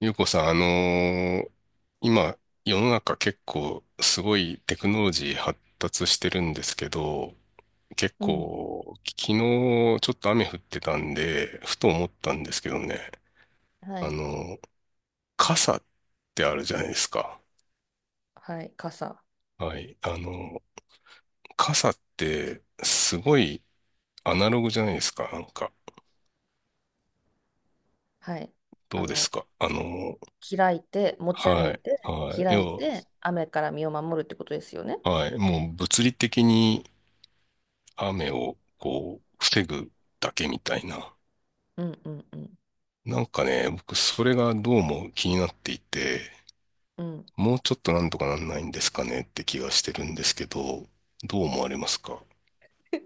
ゆうこさん、今、世の中結構すごいテクノロジー発達してるんですけど、結うん。構、昨日ちょっと雨降ってたんで、ふと思ったんですけどね、はあい。のー傘ってあるじゃないですか。はい。傘。はい。ー傘ってすごいアナログじゃないですか、なんか。はい。どあうですの、かー開いて、持ち歩はいい。て、はい。開い要て、雨から身を守るってことですよね。は、はい。もう物理的に雨をこう、防ぐだけみたいな。うんうんうん。なんかね、僕それがどうも気になっていて、うん。もうちょっとなんとかなんないんですかねって気がしてるんですけど、どう思われますか？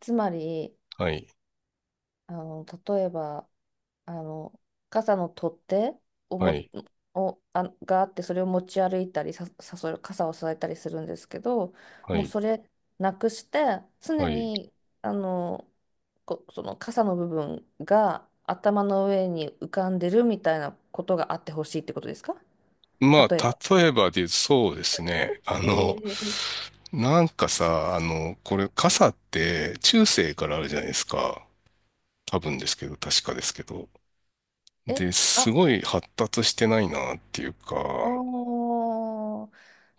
つまり、はい、例えば、あの、傘の取っ手をはも、い、を、あ、があって、それを持ち歩いたり、それ、傘を支えたりするんですけど、はもうい、それなくして、常はい。に、あの、その傘の部分が頭の上に浮かんでるみたいなことがあってほしいってことですか？ま例えあ、ば。例えばで、そうですね。あの、えーなんかさ、あの、これ傘って中世からあるじゃないですか。多分ですけど、確かですけど。え、で、すあ、ごい発達してないなっていうか、おー、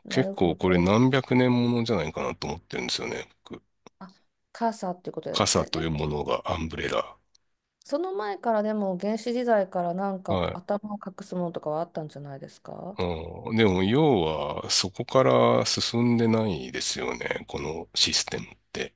な結るほ構これど。何百年ものじゃないかなと思ってるんですよね、僕。あ、傘っていうことです傘よね。とでいうもものがアンブレラ。その前からでも原始時代からなんかはい。頭を隠すものとかはあったんじゃないですか？うん、でも要はそこから進んでないですよね、このシステムって。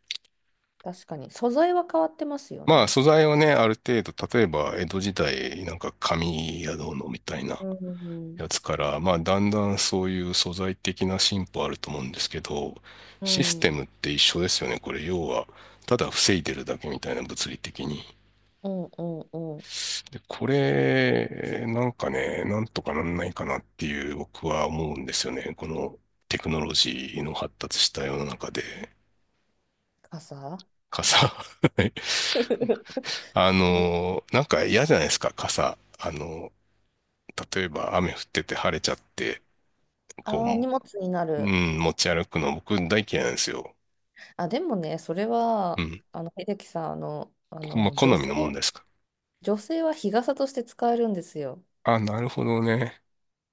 確かに。素材は変わってますよまあね。素材はね、ある程度、例えば江戸時代なんか紙やどうのみたいなうん。やつから、まあだんだんそういう素材的な進歩あると思うんですけど、うシステん。ムって一緒ですよね、これ要は。ただ防いでるだけみたいな物理的に。うんうんうん。で、これ、なんかね、なんとかなんないかなっていう僕は思うんですよね。このテクノロジーの発達した世の中で、傘。 傘。はい あぶの、なんか嫌じゃないですか、傘。あの、例えば雨降ってて晴れちゃって、こああ、荷物になう、うる。ん、持ち歩くの僕大嫌いなんですよ。あ、でもね、それうは、ん。秀樹さん、まあ、好みのもんですか。女性は日傘として使えるんですよ。あ、なるほどね。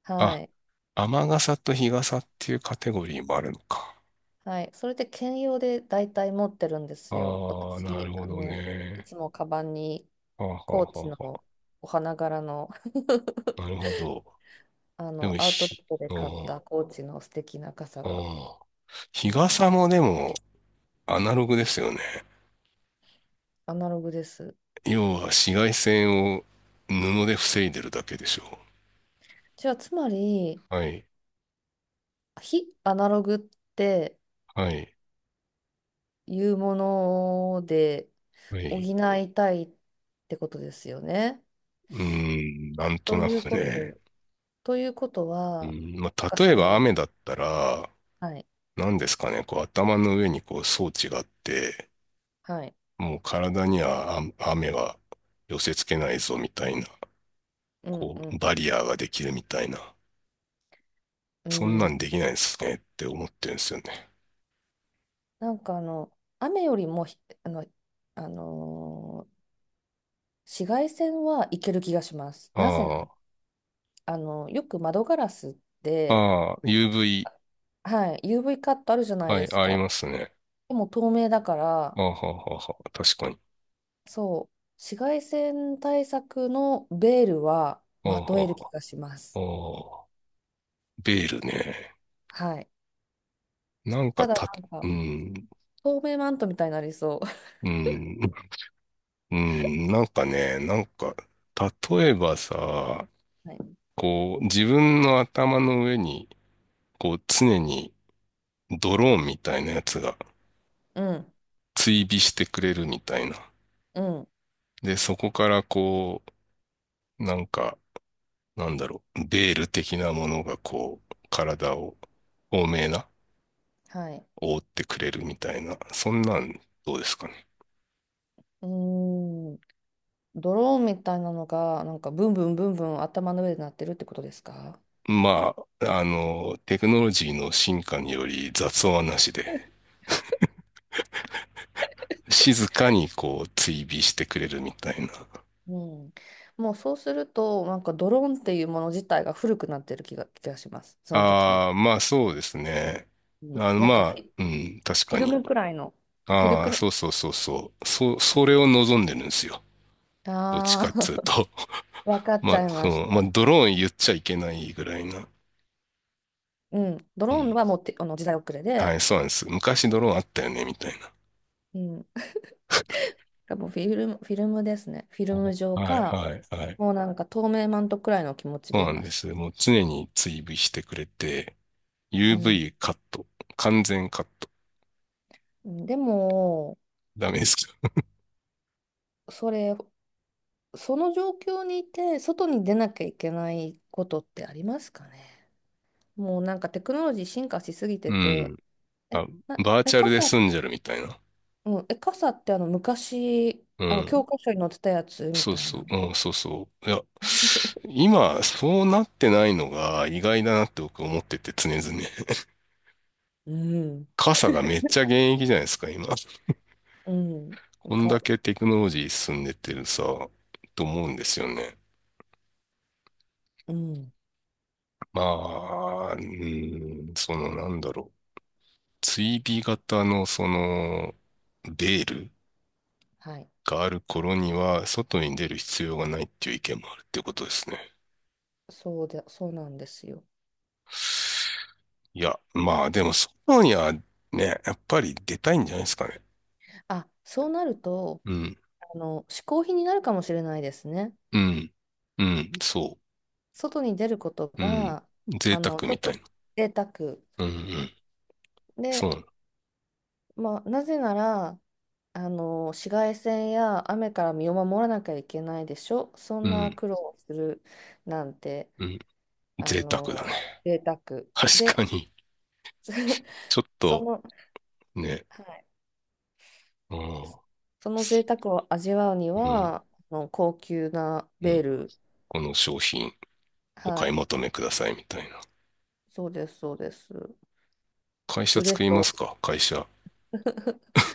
はあ、い。雨傘と日傘っていうカテゴリーもあるのか。はい、それで兼用で大体持ってるんですよ。ああ、なる私、ほどいね。つもカバンにはあコはーあチはのお花柄の。 な るほど。でも、アウトレひ、ットでう買っん、うたコーチの素敵な傘が、ん日あの傘もでも、アナログですよね。アナログです。要は紫外線を布で防いでるだけでしょじゃあ、つまり、う。はい、非アナログってはい、いうものでは補い。いたいってことですよね。うーん、なんととないうくこね。と、ということうは、ん、まなんあ、かそ例えばの、雨だったら、はい、何ですかね、こう頭の上にこう装置があって、はい、もう体にはあ雨は寄せ付けないぞみたいな、うんこううん。バリアーができるみたいな、うそんなんん、できないですねって思ってるんですよね。なんか、雨よりもひ、あの、あのー紫外線はいける気がします。なぜなあら、よく窓ガラスっあ、て、ああ、UV、はい、UV カットあるじゃないはでい、すありか。ますね。でも透明だから、ああ、はあはあはあ確かに。そう、紫外線対策のベールはああ、まはとあえる気はがしまあす。ああベールね。はい。なんかただた、なんうか、ん、透明マントみたいになりそうん、うん、なんかね、なんか、例えばさ、う。はい。こう、自分の頭の上に、こう、常にドローンみたいなやつがうん、追尾してくれるみたいな。うん、で、そこからこう、なんか、なんだろう、ベール的なものがこう、体を、透明な、はい。覆ってくれるみたいな、そんなんどうですかね。うーん。ドローンみたいなのが、なんかブンブンブンブン頭の上で鳴ってるってことですか？まあ、あの、テクノロジーの進化により雑音はなしで、静かにこう追尾してくれるみたいな。うん。もうそうすると、なんかドローンっていうもの自体が古くなってる気がします。その時に。ああ、まあそうですね。うん。あの、なんまかあ、うん、確フィかルに。ムくらいの、フィルあクあ、そル、うそうそうそう。そ、それを望んでるんですよ。どっちああ。かっつうと。わか っまちゃあ、いそましの、まあ、た。ドローン言っちゃいけないぐらいな。うん。ドうローンん。はもうて、あの時代遅れで、はい、そうなんです。昔ドローンあったよね、みたいな。うん。多分フィルムですね。フィルム状はい、か、はい、はい。もうなんか透明マントくらいの気持ちそうでいなんまです。す。もう常に追尾してくれて、うん。UV カット、完全カット。でも、ダメですか？それその状況にいて、外に出なきゃいけないことってありますかね？もうなんかテクノロジー進化しすぎてうて、ん。え、あ、な、バーえ、チャル傘、で済んじゃるみたいな。うん、え、傘ってあの昔、うあの教ん。科書に載ってたやつみそうたいそう、な。うん、そうそう。いや、今、そうなってないのが意外だなって僕思ってて常々。うん、傘がめっちゃ現役じゃないですか、今。うん、こんだけテクノロジー進んでってるさ、と思うんですよね。うん、まあ、うん、そのなんだろう。追尾型のその、ベールはい。がある頃には、外に出る必要がないっていう意見もあるっていうことですね。そうで、そうなんですよ。いや、まあでも、外にはね、やっぱり出たいんじゃないですかね。あ、そうなると、うん、嗜好品になるかもしれないですね。うん、うん、そ外に出ることう、うん、が、贅沢ちょみったいとな。贅沢。うん、うん、そで、うなの、まあ、なぜなら、紫外線や雨から身を守らなきゃいけないでしょ。そうんなん、苦労をするなんて、うん、あ贅沢だね。の、贅沢確で。かに、ちょっそとの、ね、はい、うん、うその贅沢を味わうにん、は、高級なうベーん、ル、この商品おは買いい、求めくださいみたいな。そうです、そうです。会社売れ作りまそすう。か、会社。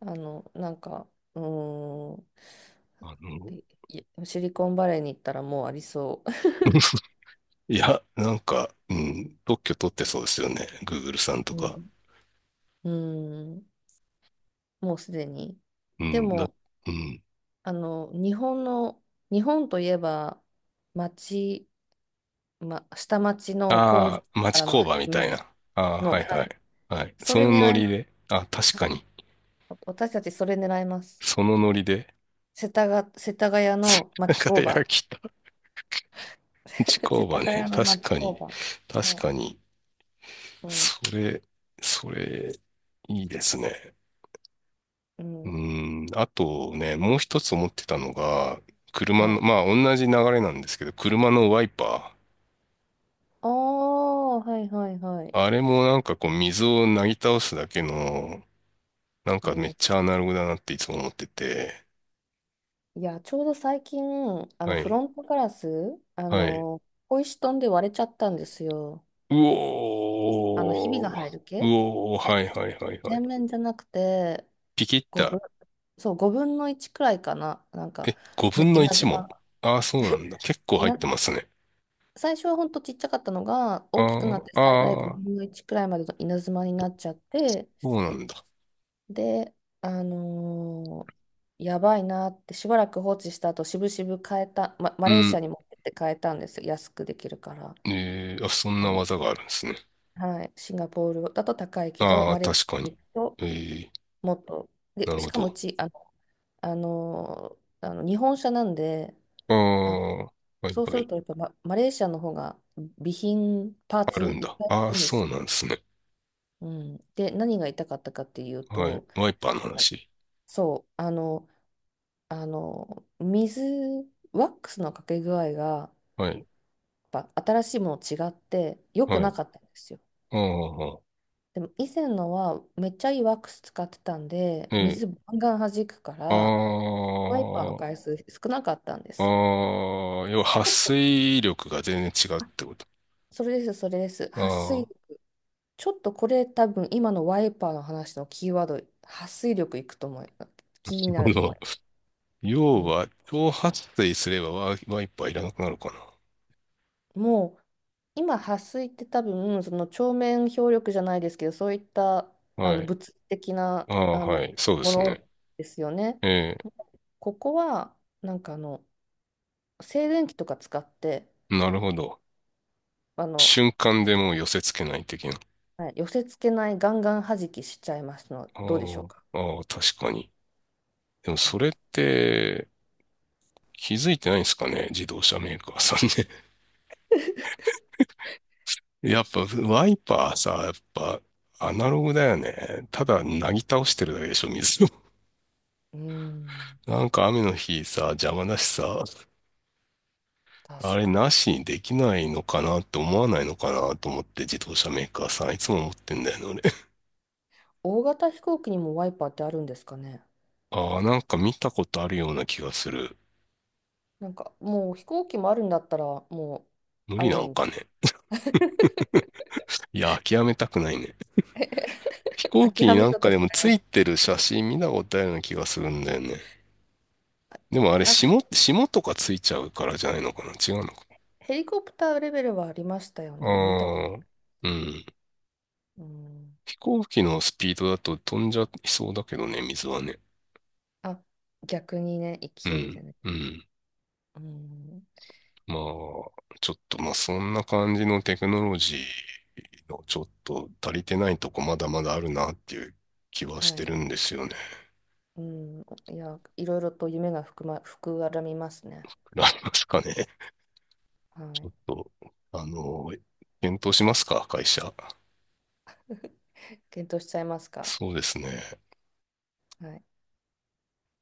なんか、うーん、あの、いいシリコンバレーに行ったらもうありそ いや、なんか、うん、特許取ってそうですよね。Google さんとう。か。うん、うん、もうすでに。うでん、だ、も、うん。あの、日本の、日本といえば、町、下町の工場ああ、か町らの工発場みたい明な。ああ、の、はいははい。い。はい。そそれのノ狙いリます。で。あ、確はかい。に。私たちそれ狙います。そのノリで。世田谷の 町工輝場。きた町 工世場田ね。谷の確町か工に。場。確はかい。に。うん、それ、それ、いいですね。ううん、ん、あとね、もう一つ思ってたのが、車はの、い。まあ同じ流れなんですけど、車のワイパああ、はいはいはい。ー。あれもなんかこう水をなぎ倒すだけの、なんうかめん、っちゃアナログだなっていつも思ってて。いや、ちょうど最近、はフい。ロントガラス、はい。小石飛んで割れちゃったんですよ。うひびがおー。入るう系おー。はでいはいはいはい。全面じゃなくて、ピキッ5た。分、そう、5分の1くらいかな。なんか、え、5ね分の稲1妻も？が、ああ、そうなんだ。結構入っ稲、てますね。最初はほんとちっちゃかったのが、大きくなあってあ、最大あ5あ、分の1くらいまでの稲妻になっちゃって、そうなんだ。で、あのーやばいなって、しばらく放置した後、しぶしぶ変えた、ま、マうレーシアん。に持ってって変えたんですよ。安くできるから。えー、あ、そんあなの、技があるんですね。はい、シンガポールだと高いけど、ああ、マレーシ確かアにに。行くとええ、もっと、で、なるしほかもうど。ち、日本車なんで、ああ、あ、はいそうすはるい。とやっぱマレーシアの方が備品、パーあるツんいっだ。ぱいあああ、るんですそよ。うなんですね。うん、で、何が痛かったかっていうはい。と、ワイパーのあ、話。そう、あの、水、ワックスのかけ具合が、はい。やっぱ新しいもの違って良くはない。かったんですよ。ああ、でも以前のはめっちゃいいワックス使ってたんで、ええ、水バンガン弾くかあら、ワイパーの回あ、数少なかったんであすよ。あ、要は、撥水力が全然違うってこと？それです、それです。あ撥あ、水、ちょっとこれ多分今のワイパーの話のキーワード、撥水力いくと思い、気にななるほると思いど。ます。う要ん、は、超撥水すればワイ、ワイパーいらなくなるかもう今、撥水って多分その鏡面表力じゃないですけど、そういったな。はい。物理的なああ、はい。そうでもすね。のですよね。えここはなんか静電気とか使ってえ、なるほど。あの、瞬間でもう寄せ付けない的な。はい、寄せ付けないガンガン弾きしちゃいますのあどうでしょうか？あ、ああ、確かに。でもそれって気づいてないんですかね、自動車メーカーさんね。えやっうぱワイパーさ、やっぱアナログだよね。ただなぎ倒してるだけでしょ、水を。ーん なんか雨の日さ、邪魔だしさ、確あれかに。なしにできないのかなって思わないのかなと思って自動車メーカーさんいつも思ってんだよね、大型飛行機にもワイパーってあるんですかね？俺。ああ、なんか見たことあるような気がする。なんかもう飛行機もあるんだったらもう無あ理るなんん。 かね。いや、諦めたくないね。飛 行機諦にめなんようかとでしてもつます。いてる写真見たことあるような気がするんだよね。でもあれ、なんか霜、霜とかついちゃうからじゃないのかな違うのかヘリコプターレベルはありましたよなね。見たこと。ああうん。うん。飛行機のスピードだと飛んじゃいそうだけどね、水はね。あ、逆にね、う勢いでん、ね。うん。うん。まあ、ちょっと、まあ、そんな感じのテクノロジーのちょっと足りてないとこまだまだあるなっていう気はしはてい。るんですよね。うん。いや、いろいろと夢が膨らみますね。ありますかね。はちょい。っと、あの、検討しますか、会社。検討しちゃいますか。そうですね。はい。